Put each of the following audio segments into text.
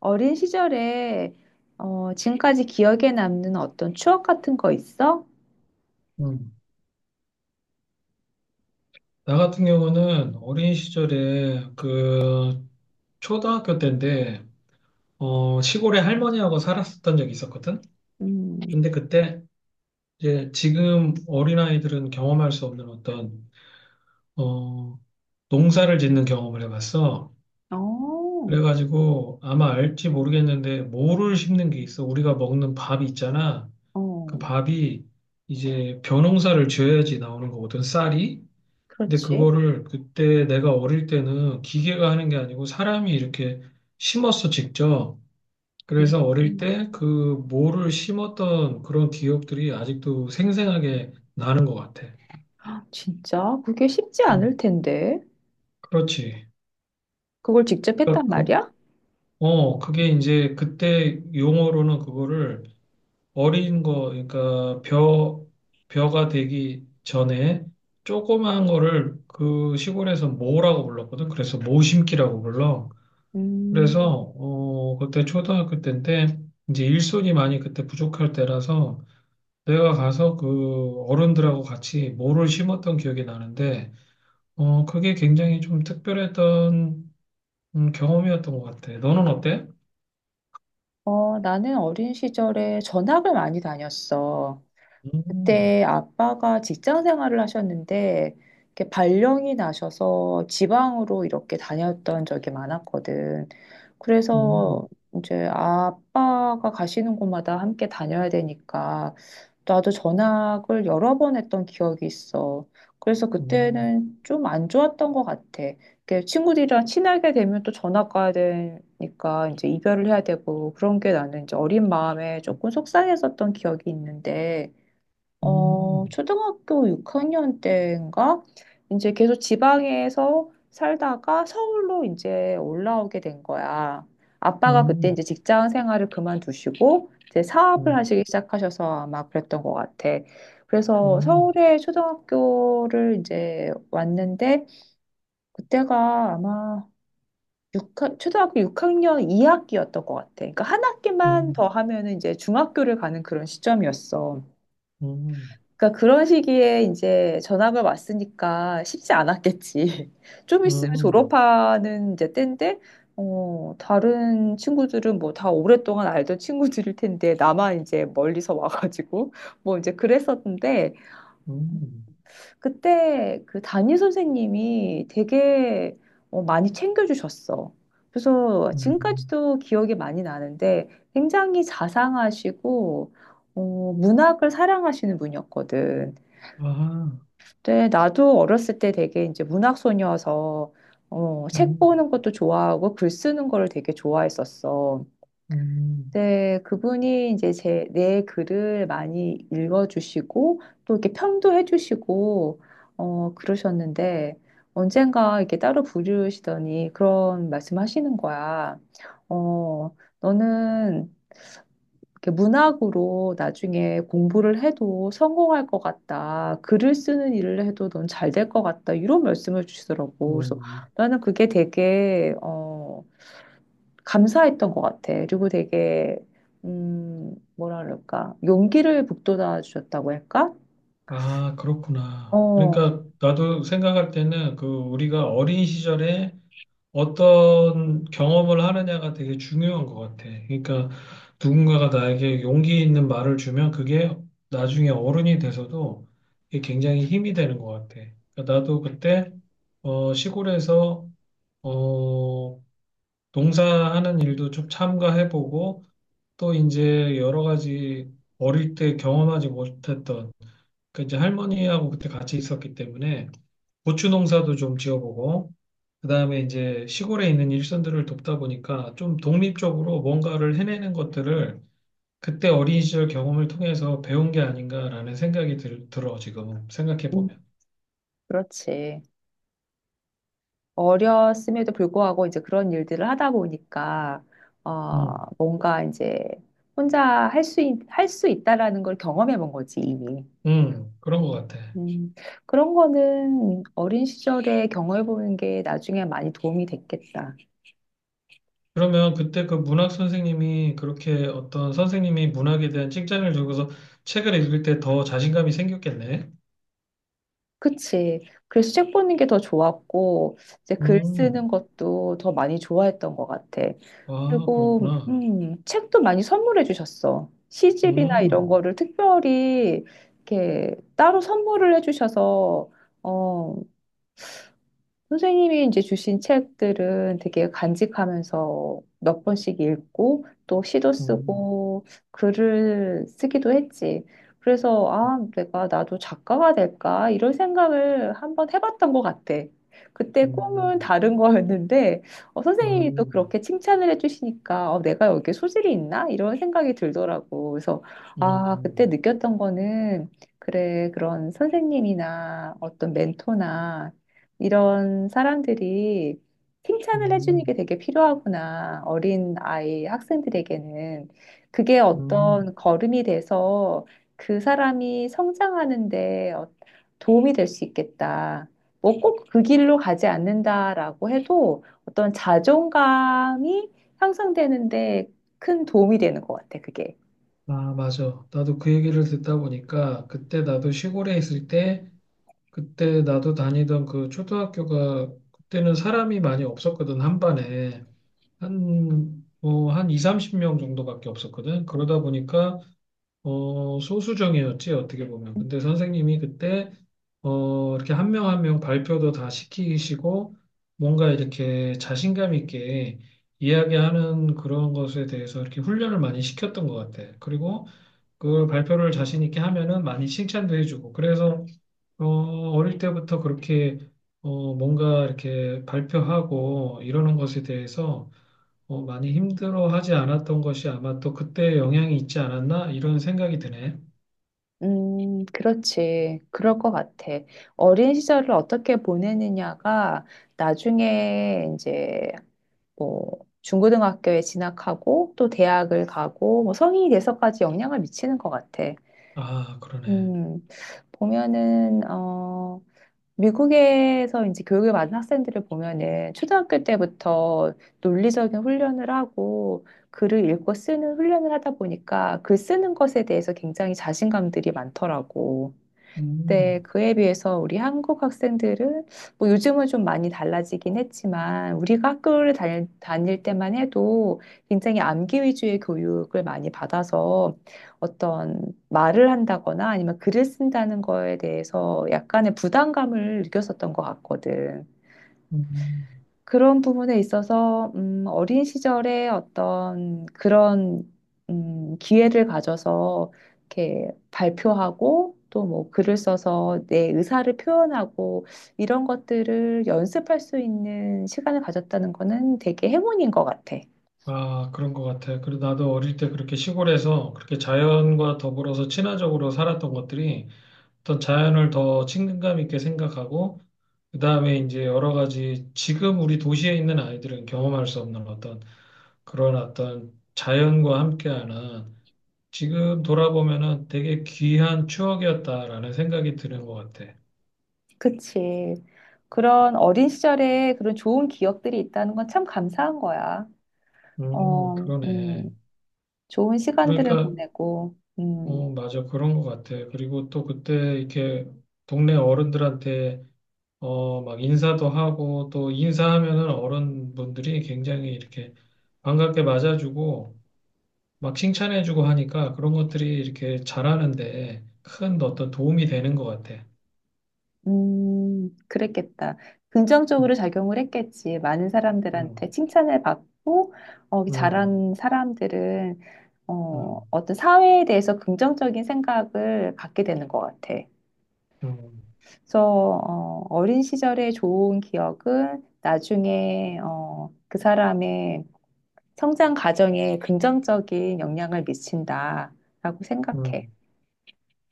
어린 시절에 지금까지 기억에 남는 어떤 추억 같은 거 있어? 음. 나 같은 경우는 어린 시절에 그 초등학교 때인데 시골에 할머니하고 살았었던 적이 있었거든. 음, 근데 그때 이제 지금 어린아이들은 경험할 수 없는 어떤 어, 농사를 짓는 경험을 해봤어. 어, 그래가지고 아마 알지 모르겠는데 모를 심는 게 있어. 우리가 먹는 밥이 있잖아. 그 어, 밥이 이제 벼농사를 지어야지 나오는 거거든, 쌀이. 근데 그렇지. 그거를 그때 내가 어릴 때는 기계가 하는 게 아니고 사람이 이렇게 심었어, 직접. 음, 그래서 어릴 음, 때 그 모를 심었던 그런 기억들이 아직도 생생하게 나는 것 같아. 아, 진짜? 그게 쉽지 음. 않을 텐데. 그렇지. 그걸 직접 그러니까 했단 말이야? 그게 이제 그때 용어로는 그거를 어린 거, 그러니까 벼, 벼가 되기 전에 조그마한 거를 그 시골에서 모라고 불렀거든. 그래서 모심기라고 불러. 음, 그래서 그때 초등학교 때인데 이제 일손이 많이 그때 부족할 때라서 내가 가서 그 어른들하고 같이 모를 심었던 기억이 나는데 그게 굉장히 좀 특별했던 경험이었던 것 같아. 너는 어때? 나는 어린 시절에 전학을 많이 다녔어. 음, 그때 아빠가 직장 생활을 하셨는데 이렇게 발령이 나셔서 지방으로 이렇게 다녔던 적이 많았거든. 음, 그래서 이제 아빠가 가시는 곳마다 함께 다녀야 되니까 나도 전학을 여러 번 했던 기억이 있어. 그래서 음, 그때는 좀 안 좋았던 것 같아. 이렇게 친구들이랑 친하게 되면 또 전학 가야 되니까 이제 이별을 해야 되고 그런 게 나는 이제 어린 마음에 조금 속상했었던 기억이 있는데 음, 초등학교 6학년 때인가? 이제 계속 지방에서 살다가 서울로 이제 올라오게 된 거야. 아빠가 그때 음, 이제 직장 생활을 그만두시고 이제 사업을 음, 하시기 시작하셔서 아마 그랬던 것 같아. 그래서 음, 서울에 초등학교를 이제 왔는데 그때가 아마 6 초등학교 6학년 2학기였던 것 같아. 그러니까 한 학기만 더 음, 하면은 이제 중학교를 가는 그런 시점이었어. 음, 그러니까 그런 시기에 이제 전학을 왔으니까 쉽지 않았겠지. 좀 있으면 음, 졸업하는 이제 때인데, 다른 친구들은 뭐 다 오랫동안 알던 친구들일 텐데, 나만 이제 멀리서 와가지고, 뭐 이제 그랬었는데, 음, 그때 그 담임 선생님이 되게 많이 챙겨주셨어. 그래서 음. 지금까지도 기억이 많이 나는데, 굉장히 자상하시고, 문학을 사랑하시는 분이었거든. 아하, 네, 나도 어렸을 때 되게 이제 문학 소녀여서 책 음, 보는 것도 좋아하고 글 쓰는 거를 되게 좋아했었어. 음, 근데 그분이 이제 내 글을 많이 읽어주시고 또 이렇게 평도 해주시고 그러셨는데 언젠가 이렇게 따로 부르시더니 그런 말씀하시는 거야. 너는 이렇게 문학으로 나중에 공부를 해도 성공할 것 같다. 글을 쓰는 일을 해도 넌 잘 될 것 같다. 이런 말씀을 주시더라고. 그래서 음. 나는 그게 되게, 감사했던 것 같아. 그리고 되게, 뭐라 그럴까. 용기를 북돋아 주셨다고 할까? 아, 그렇구나. 어, 그러니까 나도 생각할 때는 그 우리가 어린 시절에 어떤 경험을 하느냐가 되게 중요한 것 같아. 그러니까 누군가가 나에게 용기 있는 말을 주면 그게 나중에 어른이 돼서도 이게 굉장히 힘이 되는 것 같아. 그러니까 나도 그때 시골에서 어, 농사하는 일도 좀 참가해보고 또 이제 여러 가지 어릴 때 경험하지 못했던 그 이제 할머니하고 그때 같이 있었기 때문에 고추 농사도 좀 지어보고 그다음에 이제 시골에 있는 일선들을 돕다 보니까 좀 독립적으로 뭔가를 해내는 것들을 그때 어린 시절 경험을 통해서 배운 게 아닌가라는 생각이 들어 지금 생각해 음, 보면. 그렇지. 어렸음에도 불구하고 이제 그런 일들을 하다 보니까, 어, 음, 뭔가 이제 혼자 할 수, 할 수 있다라는 걸 경험해 본 거지, 이미. 그런 것 같아. 음, 그런 거는 어린 시절에 경험해 보는 게 나중에 많이 도움이 됐겠다. 그러면 그때 그 문학 선생님이 그렇게 어떤 선생님이 문학에 대한 칭찬을 주고서 책을 읽을 때 더 자신감이 생겼겠네. 그치. 그래서 책 보는 게 더 좋았고, 이제 글 음, 쓰는 것도 더 많이 좋아했던 것 같아. 아, 그리고, 그렇구나. 책도 많이 선물해 주셨어. 시집이나 이런 음, 거를 특별히 이렇게 따로 선물을 해 주셔서, 어, 선생님이 이제 주신 책들은 되게 간직하면서 몇 번씩 읽고 또 시도 음. 쓰고 글을 쓰기도 했지. 그래서 아, 내가 나도 작가가 될까? 이런 생각을 한번 해봤던 것 같아. 그때 꿈은 음, 다른 거였는데 선생님이 또 음, 그렇게 칭찬을 해주시니까 내가 여기에 소질이 있나? 이런 생각이 들더라고. 그래서 음, 아, 그때 음, 느꼈던 거는 그래, 그런 선생님이나 어떤 멘토나 이런 사람들이 칭찬을 해주는 게 음. 되게 필요하구나. 어린 아이, 학생들에게는. 그게 음. 어떤 걸음이 돼서 그 사람이 성장하는데 도움이 될 수 있겠다. 뭐 꼭 그 길로 가지 않는다라고 해도 어떤 자존감이 향상되는데 큰 도움이 되는 것 같아, 그게. 아, 맞아. 나도 그 얘기를 듣다 보니까 그때 나도 시골에 있을 때 그때 나도 다니던 그 초등학교가 그때는 사람이 많이 없었거든. 한 반에 한 뭐 한 2, 30명 정도밖에 없었거든. 그러다 보니까 소수정이었지, 어떻게 보면. 근데 선생님이 그때, 이렇게 한 명 한 명 발표도 다 시키시고, 뭔가 이렇게 자신감 있게 이야기하는 그런 것에 대해서 이렇게 훈련을 많이 시켰던 것 같아. 그리고 그 발표를 자신 있게 하면은 많이 칭찬도 해주고. 그래서, 어, 어릴 때부터 그렇게, 뭔가 이렇게 발표하고 이러는 것에 대해서 많이 힘들어하지 않았던 것이 아마 또 그때 영향이 있지 않았나? 이런 생각이 드네. 그렇지. 그럴 것 같아. 어린 시절을 어떻게 보내느냐가 나중에 이제 뭐 중고등학교에 진학하고 또 대학을 가고 뭐 성인이 돼서까지 영향을 미치는 것 같아. 아, 그러네. 음, 보면은, 미국에서 이제 교육을 받은 학생들을 보면은 초등학교 때부터 논리적인 훈련을 하고 글을 읽고 쓰는 훈련을 하다 보니까 글 쓰는 것에 대해서 굉장히 자신감들이 많더라고. 네, 음, 그에 비해서 우리 한국 학생들은 뭐 요즘은 좀 많이 달라지긴 했지만 우리가 학교를 다닐 때만 해도 굉장히 암기 위주의 교육을 많이 받아서 어떤 말을 한다거나 아니면 글을 쓴다는 거에 대해서 약간의 부담감을 느꼈었던 것 같거든. 음. 그런 부분에 있어서 어린 시절에 어떤 그런 기회를 가져서 이렇게 발표하고 또 뭐 글을 써서 내 의사를 표현하고 이런 것들을 연습할 수 있는 시간을 가졌다는 거는 되게 행운인 것 같아. 아, 그런 것 같아. 그리고 나도 어릴 때 그렇게 시골에서 그렇게 자연과 더불어서 친화적으로 살았던 것들이 어떤 자연을 더 친근감 있게 생각하고, 그 다음에 이제 여러 가지 지금 우리 도시에 있는 아이들은 경험할 수 없는 어떤 그런 어떤 자연과 함께하는 지금 돌아보면은 되게 귀한 추억이었다라는 생각이 드는 것 같아. 그치. 그런 어린 시절에 그런 좋은 기억들이 있다는 건 참 감사한 거야. 어, 그러네. 음, 좋은 시간들을 그러니까 보내고. 맞아. 그런 것 같아. 그리고 또 그때 이렇게 동네 어른들한테 막 인사도 하고 또 인사하면은 어른분들이 굉장히 이렇게 반갑게 맞아주고 막 칭찬해주고 하니까 그런 것들이 이렇게 잘하는데 큰 어떤 도움이 되는 것 같아. 그랬겠다. 음, 긍정적으로 작용을 했겠지. 많은 음, 사람들한테 칭찬을 받고, 음, 잘한 사람들은, 음, 어떤 사회에 대해서 긍정적인 생각을 갖게 되는 것 같아. 음, 그래서, 어린 시절의 좋은 기억은 나중에, 그 사람의 성장 과정에 긍정적인 영향을 미친다라고 생각해. 음.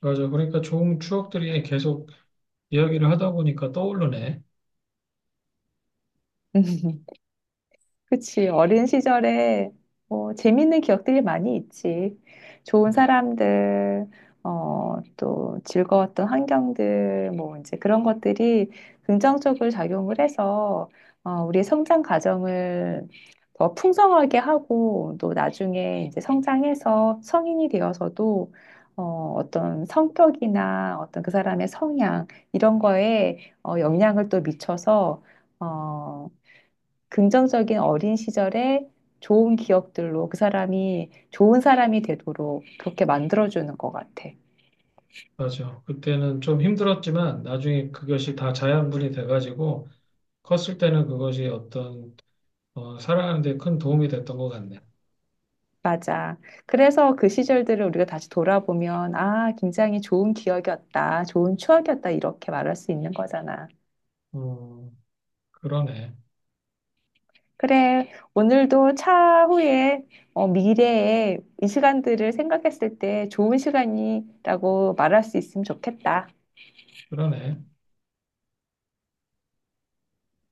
맞아. 그러니까 좋은 추억들이 계속 이야기를 하다 보니까 떠오르네. 그치. 어린 시절에 뭐 재밌는 기억들이 많이 있지. 좋은 음. 사람들, 또 즐거웠던 환경들, 뭐 이제 그런 것들이 긍정적으로 작용을 해서 우리의 성장 과정을 더 풍성하게 하고 또 나중에 이제 성장해서 성인이 되어서도 어떤 성격이나 어떤 그 사람의 성향 이런 거에 영향을 또 미쳐서 어, 긍정적인 어린 시절에 좋은 기억들로 그 사람이 좋은 사람이 되도록 그렇게 만들어주는 것 같아. 맞아. 그때는 좀 힘들었지만 나중에 그것이 다 자양분이 돼가지고 컸을 때는 그것이 어떤 살아가는 데 큰 도움이 됐던 것 같네. 맞아. 그래서 그 시절들을 우리가 다시 돌아보면, 아, 굉장히 좋은 기억이었다, 좋은 추억이었다, 이렇게 말할 수 있는 거잖아. 음, 그러네. 그래. 오늘도 차후에, 미래에 이 시간들을 생각했을 때 좋은 시간이라고 말할 수 있으면 좋겠다. 그러네.